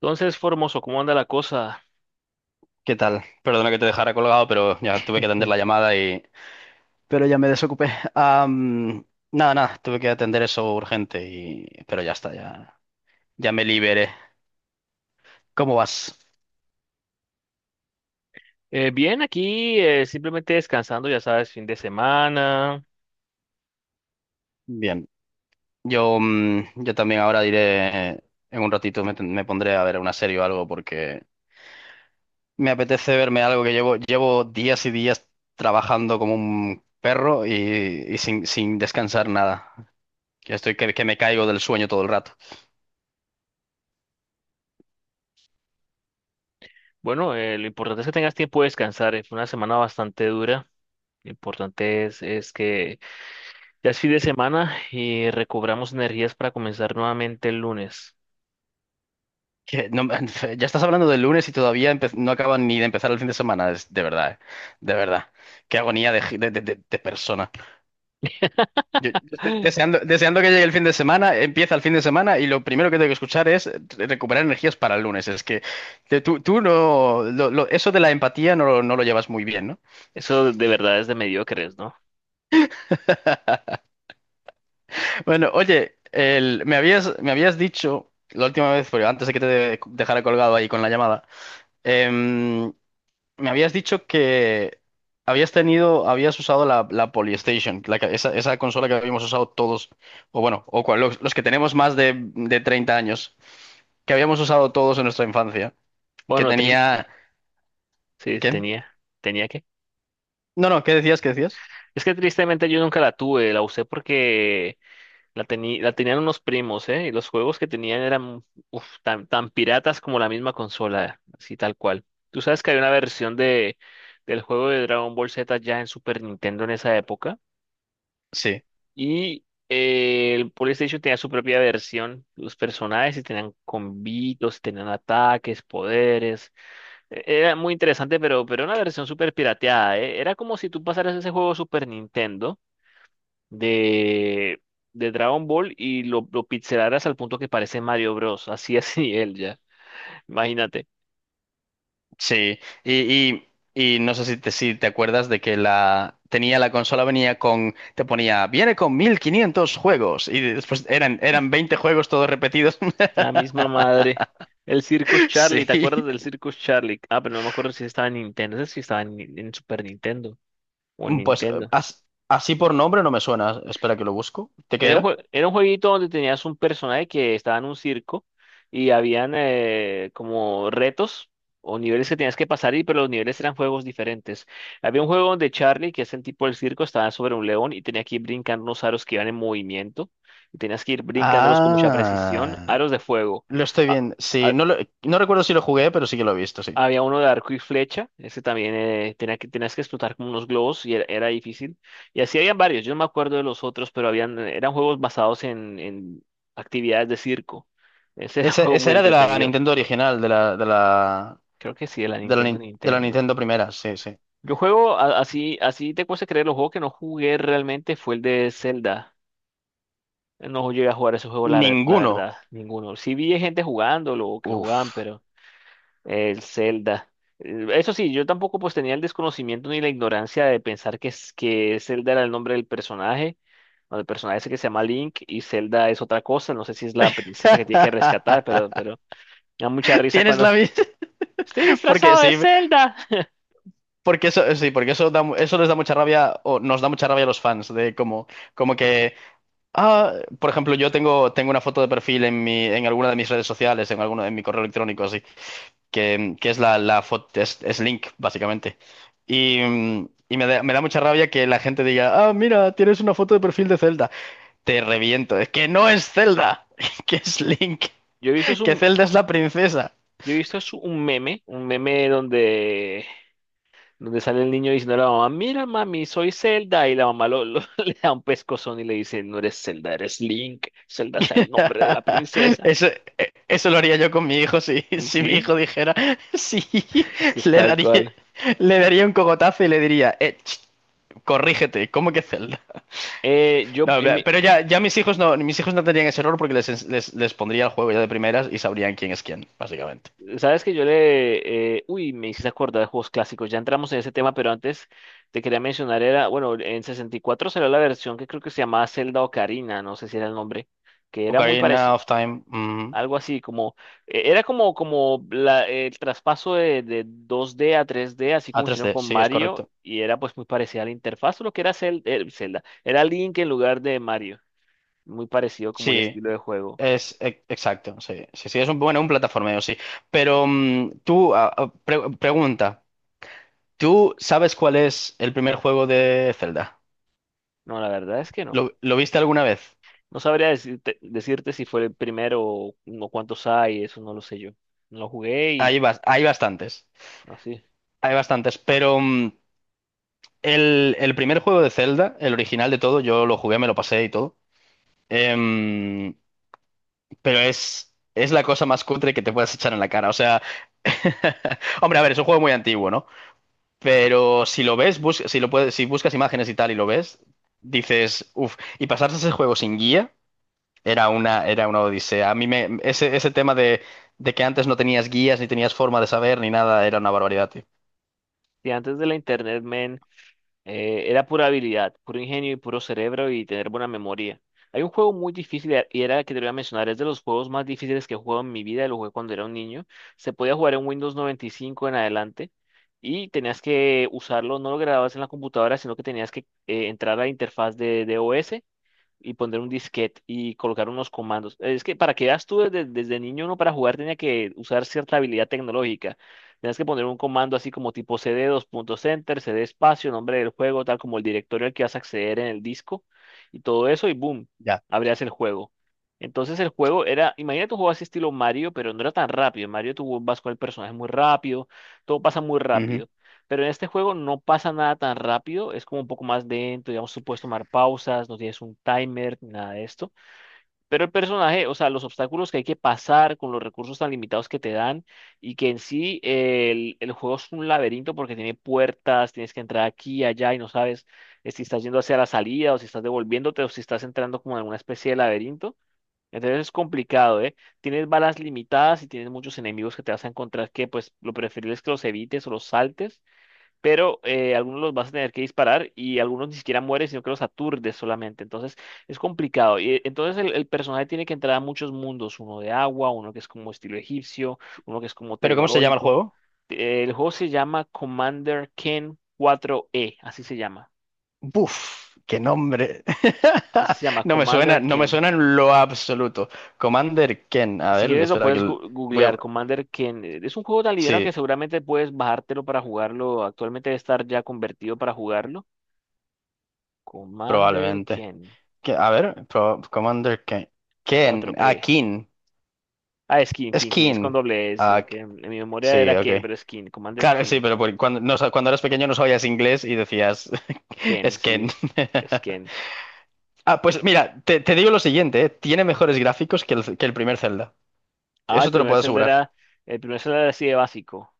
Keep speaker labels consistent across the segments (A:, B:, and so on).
A: Entonces, Formoso, ¿cómo anda la cosa?
B: ¿Qué tal? Perdona que te dejara colgado, pero ya tuve que atender
A: Eh,
B: la llamada y, pero ya me desocupé. Am, nada, nada, tuve que atender eso urgente y, pero ya está, ya, ya me liberé. ¿Cómo vas?
A: bien, aquí simplemente descansando, ya sabes, fin de semana.
B: Bien. Yo también ahora diré. En un ratito me pondré a ver una serie o algo porque me apetece verme algo que llevo días y días trabajando como un perro y sin descansar nada. Que estoy que me caigo del sueño todo el rato.
A: Bueno, lo importante es que tengas tiempo de descansar. Fue una semana bastante dura. Lo importante es que ya es fin de semana y recobramos energías para comenzar nuevamente el lunes.
B: Que no me- Ya estás hablando del lunes y todavía no acaban ni de empezar el fin de semana. Es, de verdad, de verdad. Qué agonía de, gi- de persona. Yo estoy
A: Ay,
B: deseando, deseando que llegue el fin de semana, empieza el fin de semana y lo primero que tengo que escuchar es recuperar energías para el lunes. Es que tú no, eso de la empatía no, no lo llevas muy bien, ¿no?
A: eso de verdad es de mediocres, ¿no?
B: Bueno, oye, me habías dicho la última vez, pero antes de que te dejara colgado ahí con la llamada. em, Me habías dicho que habías tenido, habías usado la Polystation, esa consola que habíamos usado todos, o bueno, los que tenemos más de 30 años, que habíamos usado todos en nuestra infancia, que
A: Bueno, triste,
B: tenía.
A: sí,
B: ¿Qué?
A: tenía que.
B: No, no, ¿qué decías? ¿Qué decías?
A: Es que tristemente yo nunca la tuve, la usé porque la tenían unos primos, ¿eh? Y los juegos que tenían eran uf, tan, tan piratas como la misma consola, así tal cual. ¿Tú sabes que hay una versión del juego de Dragon Ball Z ya en Super Nintendo en esa época?
B: Sí,
A: Y el PlayStation tenía su propia versión, los personajes y tenían combitos, y tenían ataques, poderes. Era muy interesante, pero era una versión súper pirateada, ¿eh? Era como si tú pasaras ese juego Super Nintendo de, de Dragon Ball y lo pixelaras al punto que parece Mario Bros. Así él ya. Imagínate.
B: sí. Y, y no sé si te acuerdas de que la tenía la consola, venía con, te ponía, viene con 1500 juegos, y después eran 20 juegos todos repetidos.
A: La misma madre. El Circus
B: Sí.
A: Charlie, ¿te acuerdas del Circus Charlie? Ah, pero no me acuerdo si estaba en Nintendo. No sé si estaba en, Ni- en Super Nintendo o en
B: Pues
A: Nintendo.
B: así por nombre no me suena. Espera que lo busco. ¿De qué
A: Era un,
B: era?
A: jue- era un jueguito donde tenías un personaje que estaba en un circo y habían como retos o niveles que tenías que pasar, pero los niveles eran juegos diferentes. Había un juego donde Charlie, que es el tipo del circo, estaba sobre un león y tenía que ir brincando unos aros que iban en movimiento y tenías que ir brincándolos con mucha precisión,
B: Ah,
A: aros de fuego.
B: lo estoy viendo. Sí, no, no recuerdo si lo jugué, pero sí que lo he visto, sí.
A: Había uno de arco y flecha, ese también tenías que explotar como unos globos y era difícil. Y así habían varios, yo no me acuerdo de los otros, pero eran juegos basados en actividades de circo. Ese era un
B: Esa,
A: juego
B: esa
A: muy
B: era de la
A: entretenido.
B: Nintendo original, de la, de la,
A: Creo que sí, de la
B: de la,
A: Nintendo,
B: Nin- de la
A: Nintendo.
B: Nintendo primera, sí, sí.
A: Yo juego, a- así, así te cuesta creer, los juegos que no jugué realmente fue el de Zelda. No llegué a jugar ese juego, la
B: Ninguno.
A: verdad, ninguno. Sí vi gente jugándolo, o que lo jugaban,
B: Uf.
A: pero. El Zelda. Eso sí, yo tampoco pues tenía el desconocimiento ni la ignorancia de pensar que Zelda era el nombre del personaje, o del personaje ese que se llama Link, y Zelda es otra cosa, no sé si es la princesa que tiene que rescatar, pero me da mucha risa
B: Tienes
A: cuando
B: la misma.
A: estoy
B: Porque
A: disfrazado de Zelda.
B: sí, porque eso da eso les da mucha rabia, o nos da mucha rabia a los fans, de como que ah, por ejemplo, yo tengo una foto de perfil en mi, en alguna de mis redes sociales, en alguno, en mi correo electrónico, así, que es la foto, es Link, básicamente. Y me da mucha rabia que la gente diga, ah, mira, tienes una foto de perfil de Zelda. Te reviento, es que no es Zelda, que es Link,
A: Yo he visto es
B: que
A: un,
B: Zelda es la princesa.
A: yo he visto es un meme donde sale el niño diciendo a la mamá, mira mami, soy Zelda, y la mamá le da un pescozón y le dice, no eres Zelda, eres Link, Zelda es el nombre de la princesa.
B: Eso, eso lo haría yo con mi hijo si, si mi
A: Sí.
B: hijo dijera, sí,
A: Es que es
B: le
A: tal
B: daría,
A: cual.
B: le daría un cogotazo y le diría, ch. Corrígete, ¿cómo que Zelda?
A: Yo,
B: No,
A: mi-
B: pero ya, ya mis hijos no tendrían ese error porque les pondría el juego ya de primeras y sabrían quién es quién, básicamente.
A: sabes que yo le, uy, me hiciste acordar de juegos clásicos. Ya entramos en ese tema, pero antes te quería mencionar, bueno, en 64 salió la versión que creo que se llamaba Zelda Ocarina, no sé si era el nombre, que era muy
B: Ocarina
A: parecido,
B: of Time,
A: algo así, como, era como, el traspaso de 2D a 3D así
B: a
A: como hicieron
B: 3D,
A: con
B: sí, es
A: Mario,
B: correcto.
A: y era pues muy parecida a la interfaz, lo que era Zelda, era Link en lugar de Mario, muy parecido como el
B: Sí,
A: estilo de juego.
B: es exacto, sí, sí, sí, es un, bueno, un plataformeo, sí. Pero tú, pregunta, ¿tú sabes cuál es el primer juego de Zelda?
A: No, la verdad es que no.
B: ¿Lo viste alguna vez?
A: No sabría decirte si fue el primero o no cuántos hay, eso no lo sé yo. No lo jugué y
B: Hay, bas- hay bastantes,
A: así.
B: hay bastantes, pero, el primer juego de Zelda, el original de todo, yo lo jugué, me lo pasé y todo. Em, pero es la cosa más cutre que te puedas echar en la cara. O sea, hombre, a ver, es un juego muy antiguo, ¿no? Pero si lo ves, si lo puedes, si buscas imágenes y tal y lo ves, dices, uff, y pasarse ese juego sin guía era una odisea. Ese tema de que antes no tenías guías, ni tenías forma de saber, ni nada, era una barbaridad, tío.
A: Y antes de la internet, men, era pura habilidad, puro ingenio y puro cerebro y tener buena memoria. Hay un juego muy difícil y era el que te voy a mencionar, es de los juegos más difíciles que he jugado en mi vida, lo jugué cuando era un niño. Se podía jugar en Windows 95 en adelante y tenías que usarlo, no lo grababas en la computadora, sino que tenías que entrar a la interfaz de OS y poner un disquete y colocar unos comandos. Es que para que veas tú desde niño uno para jugar tenía que usar cierta habilidad tecnológica. Tenías que poner un comando así como tipo cd dos puntos enter, cd espacio, nombre del juego, tal como el directorio al que vas a acceder en el disco y todo eso y boom,
B: Ya.
A: abrías el juego. Entonces el juego era, imagínate un juego así estilo Mario, pero no era tan rápido. En Mario tú vas con el personaje muy rápido, todo pasa muy
B: Ujú.
A: rápido. Pero en este juego no pasa nada tan rápido, es como un poco más lento, digamos, tú puedes tomar pausas, no tienes un timer, ni nada de esto. Pero el personaje, o sea, los obstáculos que hay que pasar con los recursos tan limitados que te dan y que en sí el juego es un laberinto porque tiene puertas, tienes que entrar aquí, allá y no sabes si estás yendo hacia la salida o si estás devolviéndote o si estás entrando como en una especie de laberinto. Entonces es complicado, ¿eh? Tienes balas limitadas y tienes muchos enemigos que te vas a encontrar que pues lo preferible es que los evites o los saltes pero algunos los vas a tener que disparar y algunos ni siquiera mueren, sino que los aturdes solamente. Entonces es complicado. Entonces el personaje tiene que entrar a muchos mundos, uno de agua, uno que es como estilo egipcio, uno que es como
B: ¿Pero cómo se llama el
A: tecnológico.
B: juego?
A: El juego se llama Commander Ken 4E, así se llama.
B: Buf, qué nombre.
A: Así se llama
B: No me suena,
A: Commander
B: no me
A: Ken.
B: suena en lo absoluto. Commander Ken, a
A: Si
B: ver,
A: quieres lo
B: espera que
A: puedes
B: voy a.
A: googlear, Commander Ken. Es un juego tan liviano que
B: Sí,
A: seguramente puedes bajártelo para jugarlo. Actualmente debe estar ya convertido para jugarlo. Commander
B: probablemente.
A: Ken
B: A ver, Commander Ken. Ken, ah,
A: 4E.
B: Kin.
A: Ah, es King,
B: Es
A: King, King, es con
B: Kin.
A: doble S, sino
B: Ah,
A: que en mi memoria
B: Sí,
A: era
B: ok.
A: Ken, pero es King, Commander
B: Claro, sí,
A: King,
B: pero cuando eras pequeño no sabías inglés y decías,
A: Ken,
B: es Ken.
A: sí, es Ken.
B: Ah, pues mira, te digo lo siguiente. Tiene mejores gráficos que el primer Zelda.
A: Ah, el
B: Eso te lo
A: primer
B: puedo
A: Zelda
B: asegurar.
A: era, el primer Zelda era así de básico.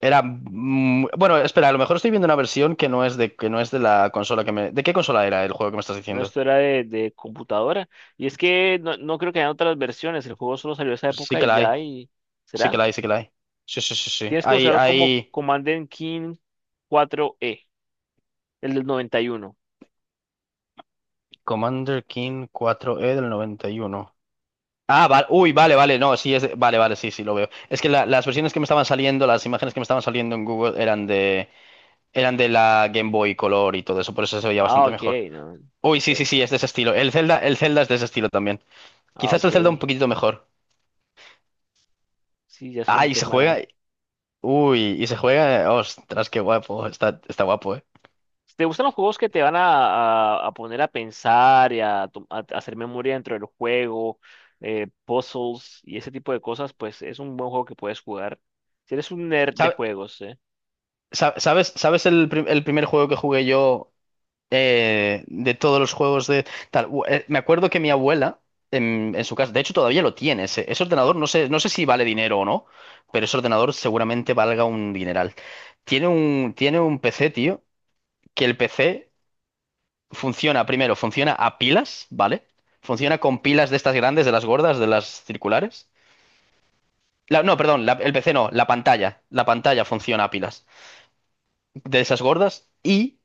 B: Era bueno, espera, a lo mejor estoy viendo una versión que no es de que no es de la consola que me. ¿De qué consola era el juego que me estás
A: No,
B: diciendo?
A: esto era de computadora. Y es que no, no creo que hayan otras versiones, el juego solo salió esa
B: Sí
A: época
B: que
A: y
B: la
A: ya,
B: hay,
A: y
B: sí que
A: ¿será?
B: la hay, sí que la hay. Sí, sí, sí, sí.
A: Tienes que
B: Hay,
A: buscarlo como
B: hay
A: Commander King 4E, el del 91.
B: Commander King 4E del noventa y uno. Ah, vale, uy, vale, vale, no, sí, vale, vale, sí, sí, lo veo. Es que las versiones que me estaban saliendo, las imágenes que me estaban saliendo en Google eran de, la Game Boy Color y todo eso, por eso se veía
A: Ah,
B: bastante
A: ok,
B: mejor.
A: no,
B: Uy, sí, sí,
A: bueno,
B: sí, es de ese estilo. El Zelda es de ese estilo también.
A: ah,
B: Quizás
A: ok.
B: el Zelda un poquito mejor.
A: Sí, ya es un
B: Ay, se juega,
A: tema.
B: uy, y se juega. Ostras, qué guapo. Está guapo, ¿eh?
A: Si te gustan los juegos que te van a poner a pensar y a hacer memoria dentro del juego, puzzles y ese tipo de cosas, pues es un buen juego que puedes jugar. Si eres un nerd de
B: ¿Sabe-
A: juegos, ¿eh?
B: sabes el primer juego que jugué yo, de todos los juegos de tal? Me acuerdo que mi abuela, en su casa, de hecho todavía lo tiene, ese ordenador, no sé, no sé si vale dinero o no, pero ese ordenador seguramente valga un dineral. Tiene un PC, tío, que el PC funciona, primero, funciona a pilas, ¿vale? Funciona con pilas de estas grandes, de las gordas, de las circulares. No, perdón, el P C no, la pantalla. La pantalla funciona a pilas de esas gordas y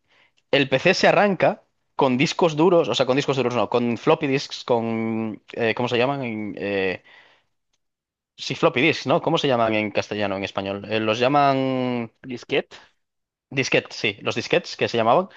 B: el PC se arranca con discos duros, o sea, con discos duros no, con floppy disks, con, ¿cómo se llaman? Sí, floppy disks, ¿no? ¿Cómo se llaman en castellano, en español? Los llaman
A: Disquete,
B: disquetes, sí, los disquetes que se llamaban.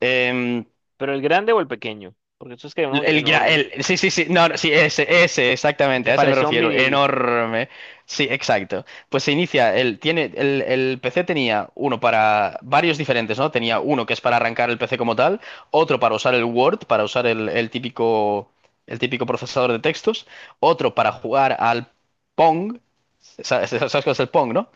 B: Em,
A: pero el grande o el pequeño, porque eso es que hay uno enorme,
B: Sí, sí, sí, no, no, sí, ese,
A: el
B: exactamente,
A: que
B: a ese me
A: parece un
B: refiero,
A: vinil,
B: enorme, sí, exacto. Pues se inicia, el PC tenía uno para varios diferentes, ¿no? Tenía uno que es para arrancar el PC como tal, otro para usar el Word, para usar el típico, el típico procesador de textos, otro para jugar al Pong, ¿sabes cuál es el Pong, no?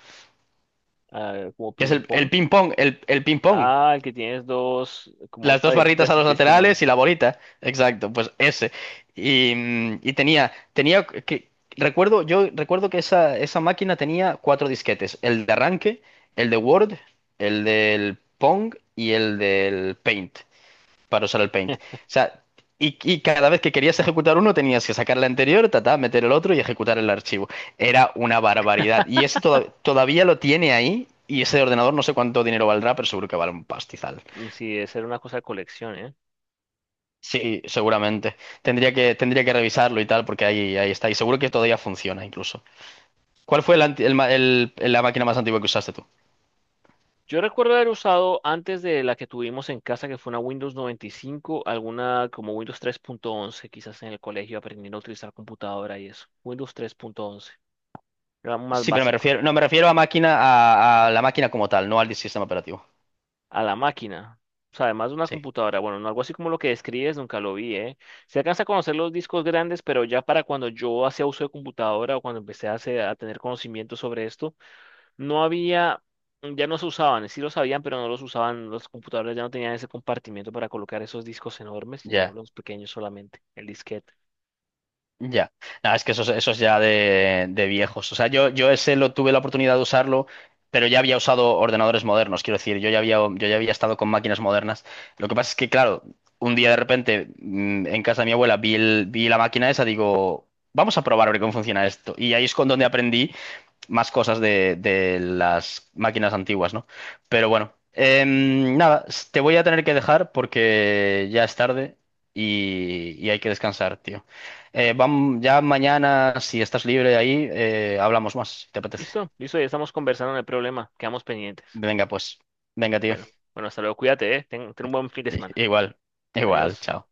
A: ah, como
B: Que es
A: ping
B: el
A: pong.
B: ping pong, el ping pong.
A: Ah, el que tienes dos, como dos
B: Las dos barritas a
A: paletitas y
B: los
A: tienes que mover.
B: laterales y la bolita. Exacto, pues ese. Y tenía que, recuerdo, yo recuerdo que esa máquina tenía cuatro disquetes. El de arranque, el de Word, el del Pong y el del Paint, para usar el Paint. O sea, y cada vez que querías ejecutar uno tenías que sacar el anterior, ta ta meter el otro y ejecutar el archivo. Era una barbaridad. Y ese todavía lo tiene ahí y ese ordenador no sé cuánto dinero valdrá, pero seguro que vale un pastizal.
A: Mm, sí, debe ser una cosa de colección, ¿eh?
B: Sí, seguramente. Tendría que revisarlo y tal, porque ahí está. Y seguro que todavía funciona incluso. ¿Cuál fue el anti- el ma- el- la máquina más antigua que usaste tú?
A: Yo recuerdo haber usado antes de la que tuvimos en casa, que fue una Windows 95, alguna como Windows 3.11, quizás en el colegio aprendiendo a utilizar computadora y eso. Windows 3.11, era más
B: Sí, pero me
A: básico.
B: refiero, no, me refiero a máquina, a la máquina como tal, no al sistema operativo.
A: A la máquina. O sea, además de una
B: Sí,
A: computadora, bueno, no algo así como lo que describes, nunca lo vi, ¿eh? Se alcanza a conocer los discos grandes, pero ya para cuando yo hacía uso de computadora o cuando empecé a tener conocimiento sobre esto, no había, ya no se usaban, sí los sabían, pero no los usaban, los computadores ya no tenían ese compartimiento para colocar esos discos enormes, sino
B: ya.
A: los pequeños solamente, el disquete.
B: Ya, nada, es que eso es ya de viejos. O sea, yo ese lo tuve la oportunidad de usarlo, pero ya había usado ordenadores modernos, quiero decir, yo ya había estado con máquinas modernas. Lo que pasa es que, claro, un día de repente en casa de mi abuela vi la máquina esa, digo, vamos a probar a ver cómo funciona esto. Y ahí es con donde aprendí más cosas de las máquinas antiguas, ¿no? Pero bueno, nada, te voy a tener que dejar porque ya es tarde y hay que descansar, tío. Ya mañana, si estás libre ahí, hablamos más, si te apetece.
A: Listo, listo, ya estamos conversando, no hay problema, quedamos pendientes.
B: Venga, pues. Venga, tío.
A: Bueno, bueno, hasta luego, cuídate, ¿eh? Ten un buen fin de
B: I-
A: semana.
B: Igual, igual,
A: Adiós.
B: chao.